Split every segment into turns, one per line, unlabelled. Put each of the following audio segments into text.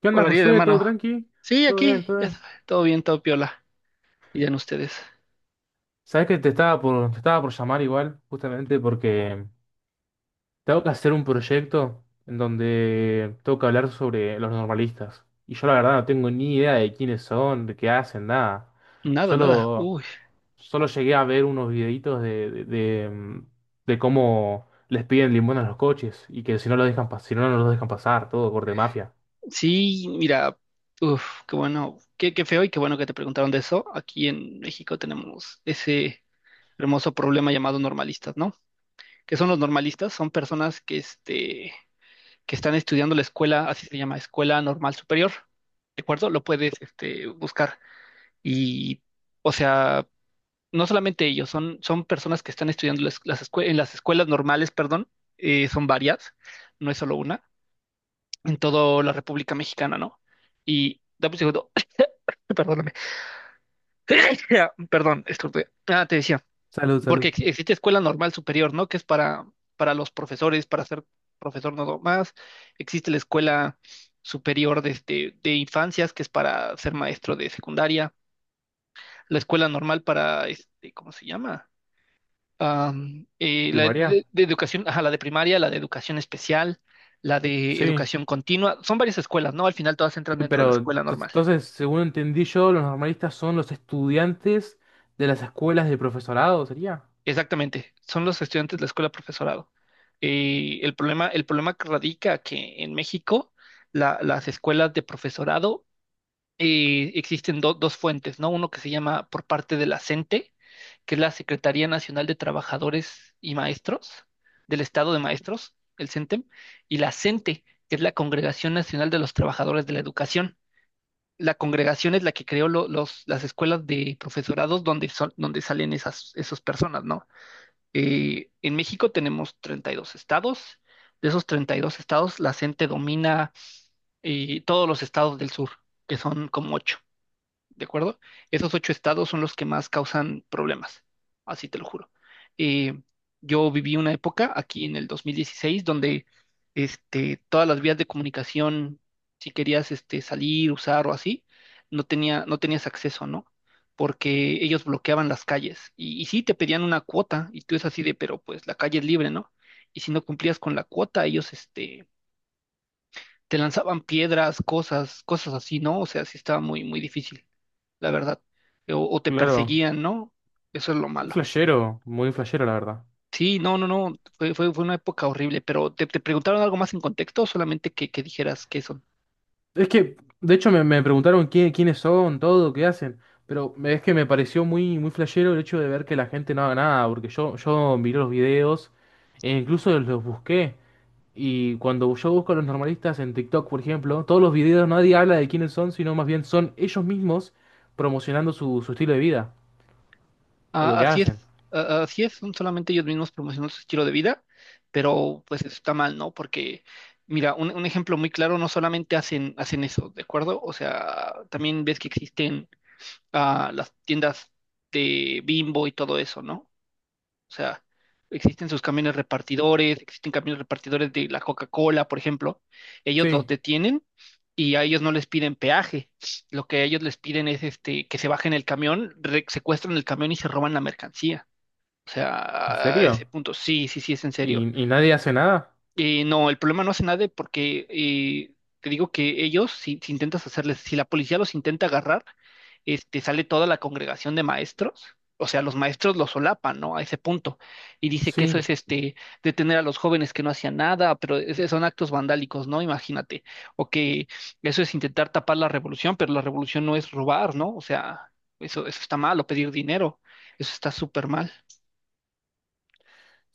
¿Qué onda,
Hola, Ariel,
Josué? ¿Todo
hermano.
tranqui?
Sí,
¿Todo
aquí,
bien? ¿Todo
ya
bien?
sabe, todo bien, todo piola. Y ya en ustedes.
Sabes que te estaba por llamar igual, justamente porque tengo que hacer un proyecto en donde tengo que hablar sobre los normalistas. Y yo la verdad no tengo ni idea de quiénes son, de qué hacen, nada.
Nada, nada.
Solo,
Uy,
solo llegué a ver unos videitos de cómo les piden limosna a los coches y que si no los dejan, si no, no los dejan pasar, todo corte mafia.
sí, mira, uf, qué bueno, qué feo y qué bueno que te preguntaron de eso. Aquí en México tenemos ese hermoso problema llamado normalistas, ¿no? ¿Qué son los normalistas? Son personas que están estudiando la escuela, así se llama, Escuela Normal Superior, ¿de acuerdo? Lo puedes buscar. Y o sea, no solamente ellos, son personas que están estudiando en las escuelas normales, perdón, son varias, no es solo una, en toda la República Mexicana, ¿no? Y dame un segundo, perdóname, perdón, estornudé. Ah, te decía,
Salud,
porque
salud.
existe escuela normal superior, ¿no? Que es para los profesores, para ser profesor no más. Existe la escuela superior de infancias, que es para ser maestro de secundaria, la escuela normal para ¿cómo se llama? La
¿Primaria?
de educación, ajá, la de primaria, la de educación especial, la de
Sí.
educación continua, son varias escuelas, ¿no? Al final todas entran dentro de la
Pero
escuela normal.
entonces, según entendí yo, los normalistas son los estudiantes de las escuelas de profesorado, ¿sería?
Exactamente, son los estudiantes de la escuela profesorado. El problema que radica que en México las escuelas de profesorado existen dos fuentes, ¿no? Uno que se llama por parte de la CENTE, que es la Secretaría Nacional de Trabajadores y Maestros del Estado de Maestros, el CENTEM, y la CENTE, que es la Congregación Nacional de los Trabajadores de la Educación. La congregación es la que creó las escuelas de profesorados donde, son, donde salen esas personas, ¿no? En México tenemos 32 estados. De esos 32 estados, la CENTE domina todos los estados del sur, que son como ocho. ¿De acuerdo? Esos ocho estados son los que más causan problemas, así te lo juro. Eh, yo viví una época aquí en el 2016 donde todas las vías de comunicación, si querías salir, usar o así, no tenías acceso, ¿no? Porque ellos bloqueaban las calles y sí te pedían una cuota y tú es así de, pero pues la calle es libre, ¿no? Y si no cumplías con la cuota, ellos te lanzaban piedras, cosas, cosas así, ¿no? O sea, sí estaba muy, muy difícil la verdad. O te
Claro,
perseguían, ¿no? Eso es lo
un
malo.
flashero, muy flashero, la verdad.
Sí, no, no, no, fue una época horrible, pero ¿te preguntaron algo más en contexto o solamente que dijeras qué son?
Es que, de hecho, me preguntaron quiénes son, todo, qué hacen, pero es que me pareció muy flashero el hecho de ver que la gente no haga nada, porque yo miré los videos e incluso los busqué. Y cuando yo busco a los normalistas en TikTok, por ejemplo, todos los videos nadie habla de quiénes son, sino más bien son ellos mismos promocionando su estilo de vida. O
Ah,
lo que
así
hacen.
es, ah, así es, son solamente ellos mismos promocionando su estilo de vida, pero pues eso está mal, ¿no? Porque, mira, un ejemplo muy claro, no solamente hacen eso, ¿de acuerdo? O sea, también ves que existen las tiendas de Bimbo y todo eso, ¿no? O sea, existen sus camiones repartidores, existen camiones repartidores de la Coca-Cola, por ejemplo. Ellos los
Sí.
detienen y a ellos no les piden peaje. Lo que a ellos les piden es que se bajen el camión, secuestran el camión y se roban la mercancía. O
¿En
sea, a ese
serio?
punto, sí, sí, sí, es en serio.
Y nadie hace nada?
No, el problema no hace nada porque te digo que ellos, si intentas hacerles, si la policía los intenta agarrar, sale toda la congregación de maestros, o sea, los maestros los solapan, ¿no? A ese punto. Y dice que eso
Sí.
es detener a los jóvenes que no hacían nada, pero ese son actos vandálicos, ¿no? Imagínate. O que eso es intentar tapar la revolución, pero la revolución no es robar, ¿no? O sea, eso está mal, o pedir dinero, eso está súper mal.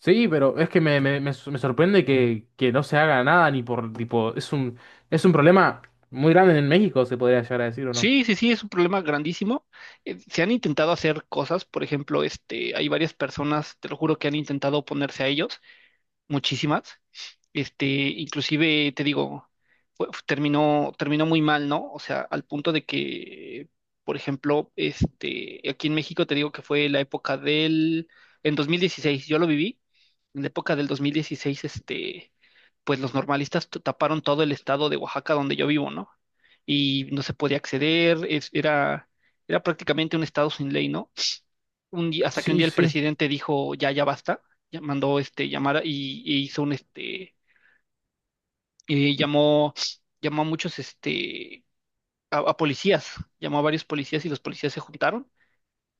Sí, pero es que me sorprende que no se haga nada ni por tipo. Es un problema muy grande en México, se podría llegar a decir, ¿o no?
Sí, sí, sí, es un problema grandísimo. Se han intentado hacer cosas, por ejemplo, hay varias personas, te lo juro, que han intentado oponerse a ellos, muchísimas. Inclusive te digo, terminó muy mal, ¿no? O sea, al punto de que, por ejemplo, aquí en México te digo que fue la época en 2016, yo lo viví, en la época del 2016. Pues los normalistas taparon todo el estado de Oaxaca donde yo vivo, ¿no? Y no se podía acceder, era prácticamente un estado sin ley, ¿no? Un día, hasta que un
Sí,
día el
sí.
presidente dijo, ya, ya basta. Ya mandó llamar y hizo un, este, eh, llamó, llamó a muchos, a policías, llamó a varios policías y los policías se juntaron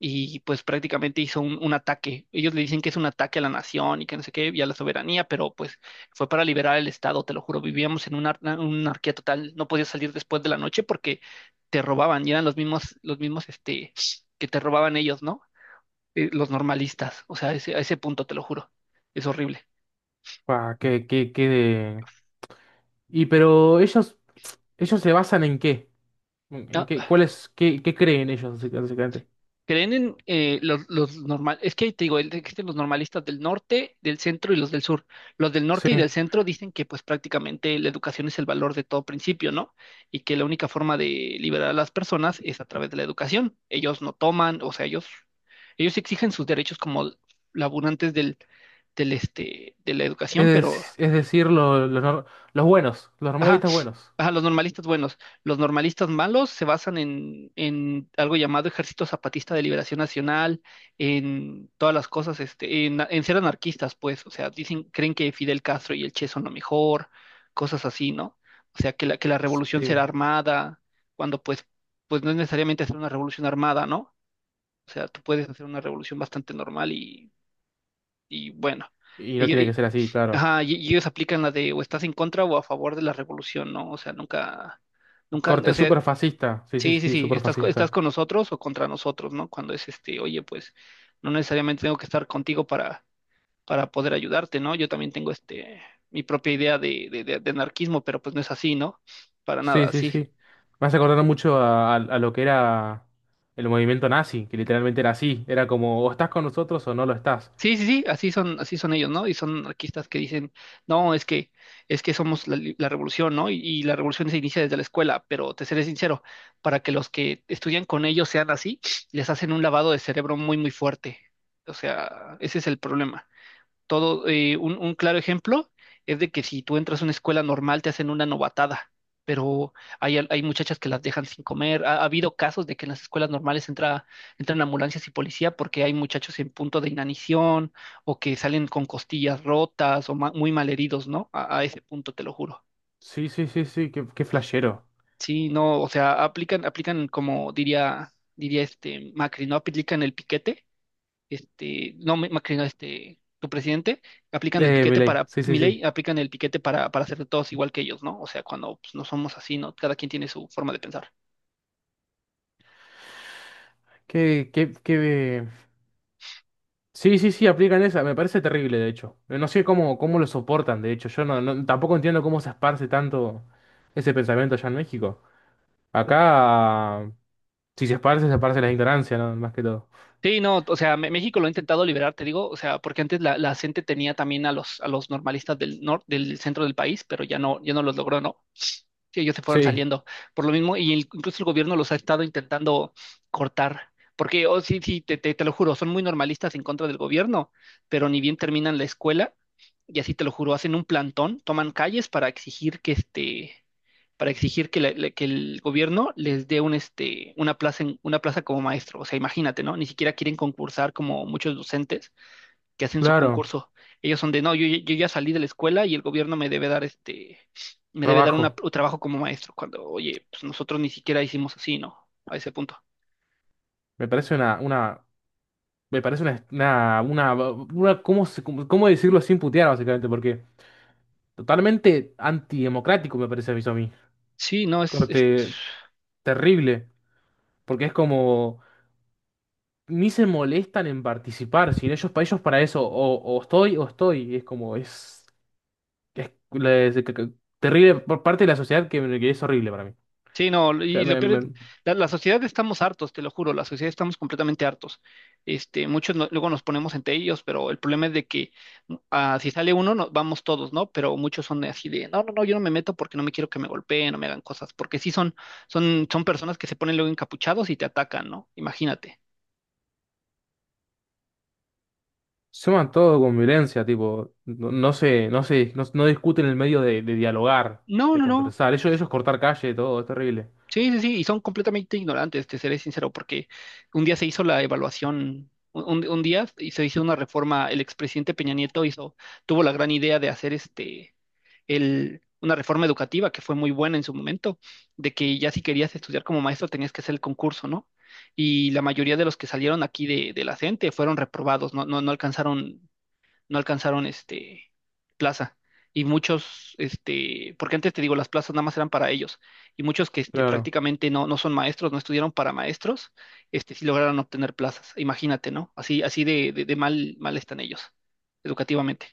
y pues prácticamente hizo un ataque. Ellos le dicen que es un ataque a la nación y que no sé qué, y a la soberanía, pero pues fue para liberar el Estado, te lo juro, vivíamos en una anarquía total, no podías salir después de la noche porque te robaban y eran los mismos, que te robaban ellos, ¿no? Los normalistas, o sea, a ese punto, te lo juro, es horrible.
Pa, y pero ellos se basan ¿en qué? En qué?
Ah,
¿Cuál es, qué, qué creen ellos, básicamente?
creen en es que te digo, existen los normalistas del norte, del centro y los del sur. Los del
Sí.
norte y del centro dicen que pues prácticamente la educación es el valor de todo principio, ¿no? Y que la única forma de liberar a las personas es a través de la educación. Ellos no toman, o sea, ellos exigen sus derechos como laburantes de la educación, pero
Es, es decir, lo- los, nor- los buenos, los
ajá,
normalistas buenos.
ajá, los normalistas buenos. Los normalistas malos se basan en algo llamado Ejército Zapatista de Liberación Nacional, en todas las cosas, en ser anarquistas, pues, o sea, dicen, creen que Fidel Castro y el Che son lo mejor, cosas así, ¿no? O sea, que la revolución será
Sí.
armada, cuando pues no es necesariamente hacer una revolución armada, ¿no? O sea, tú puedes hacer una revolución bastante normal y bueno.
Y no tiene que ser así, claro.
Ajá, y ellos aplican la de o estás en contra o a favor de la revolución, ¿no? O sea, nunca, nunca,
Corte
o sea,
súper fascista. Sí, sí,
sí, sí,
sí,
sí,
súper
estás
fascista.
con nosotros o contra nosotros, ¿no? Cuando es oye, pues no necesariamente tengo que estar contigo para, poder ayudarte, ¿no? Yo también tengo mi propia idea de anarquismo, pero pues no es así, ¿no? Para
Sí,
nada,
sí,
sí.
sí. Me hace acordar mucho a, a lo que era el movimiento nazi, que literalmente era así. Era como, o estás con nosotros o no lo estás.
Sí, sí, sí, así son ellos, ¿no? Y son anarquistas que dicen, no, es que somos la revolución, ¿no? Y la revolución se inicia desde la escuela, pero te seré sincero, para que los que estudian con ellos sean así, les hacen un lavado de cerebro muy, muy fuerte. O sea, ese es el problema. Todo, un claro ejemplo es de que si tú entras a una escuela normal te hacen una novatada, pero hay muchachas que las dejan sin comer. Ha habido casos de que en las escuelas normales entran ambulancias y policía porque hay muchachos en punto de inanición o que salen con costillas rotas o muy malheridos, ¿no? A ese punto te lo juro.
Sí, sí, sí, sí, qué, qué flashero.
Sí, no, o sea, aplican como diría este Macri, ¿no? Aplican el piquete no, Macri no, tu presidente, aplican el piquete
Milei,
para,
sí, sí,
ley
sí.
aplican el piquete para, hacer de todos igual que ellos, ¿no? O sea, cuando pues, no somos así, ¿no? Cada quien tiene su forma de pensar.
Qué, qué, qué... Sí, sí, sí, aplican esa. Me parece terrible, de hecho. No sé cómo, cómo lo soportan, de hecho. Yo tampoco entiendo cómo se esparce tanto ese pensamiento allá en México. Acá, si se esparce, se esparce la ignorancia, ¿no? Más que todo.
Sí, no, o sea, México lo ha intentado liberar, te digo, o sea, porque antes la CENTE tenía también a los normalistas del norte, del centro del país, pero ya no los logró, ¿no? Sí, ellos se fueron
Sí,
saliendo por lo mismo y incluso el gobierno los ha estado intentando cortar, porque, oh, sí, sí, te lo juro, son muy normalistas en contra del gobierno, pero ni bien terminan la escuela, y así te lo juro, hacen un plantón, toman calles para exigir que el gobierno les dé un, este, una plaza en, una plaza como maestro, o sea, imagínate, ¿no? Ni siquiera quieren concursar como muchos docentes, que hacen su
claro,
concurso. Ellos son de, no, yo ya salí de la escuela y el gobierno me debe dar una-
trabajo.
un trabajo como maestro, cuando, oye, pues nosotros ni siquiera hicimos así, ¿no? A ese punto.
Me parece una, me parece una, ¿cómo, cómo cómo decirlo sin putear, básicamente? Porque totalmente antidemocrático me parece eso a mí.
Sí, no.
Corte terrible. Porque es como, ni se molestan en participar, si no, ellos, para ellos para eso, o estoy, y es como, es, terrible por parte de la sociedad que es horrible para mí.
Sí, no, y
Sea,
lo peor es, la sociedad estamos hartos, te lo juro, la sociedad estamos completamente hartos. Muchos luego nos ponemos entre ellos, pero el problema es de que si sale uno, vamos todos, ¿no? Pero muchos son así de, no, no, no, yo no me meto porque no me quiero que me golpeen, no me hagan cosas, porque sí son personas que se ponen luego encapuchados y te atacan, ¿no? Imagínate.
suman todo con violencia, tipo, no, no se, no se, no, no discuten en el medio de dialogar,
No,
de
no, no.
conversar. Ellos cortar calle, todo, es terrible.
Sí, sí, sí, y son completamente ignorantes, te seré sincero, porque un día se hizo la evaluación, un día y se hizo una reforma. El expresidente Peña Nieto tuvo la gran idea de hacer una reforma educativa que fue muy buena en su momento, de que ya si querías estudiar como maestro tenías que hacer el concurso, ¿no? Y la mayoría de los que salieron aquí de la CENTE fueron reprobados, no alcanzaron plaza. Y muchos, porque antes te digo, las plazas nada más eran para ellos. Y muchos que
Claro.
prácticamente no son maestros, no estudiaron para maestros, sí lograron obtener plazas. Imagínate, ¿no? Así, así de mal, mal están ellos, educativamente.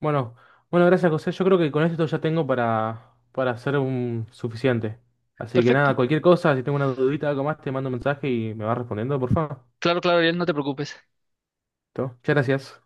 Bueno, bueno, gracias, José. Yo creo que con esto ya tengo para hacer un suficiente. Así que
Perfecto.
nada, cualquier cosa, si tengo una dudita, algo más, te mando un mensaje y me vas respondiendo, por favor.
Claro, claro, Ariel, no te preocupes.
¿Todo? Muchas gracias.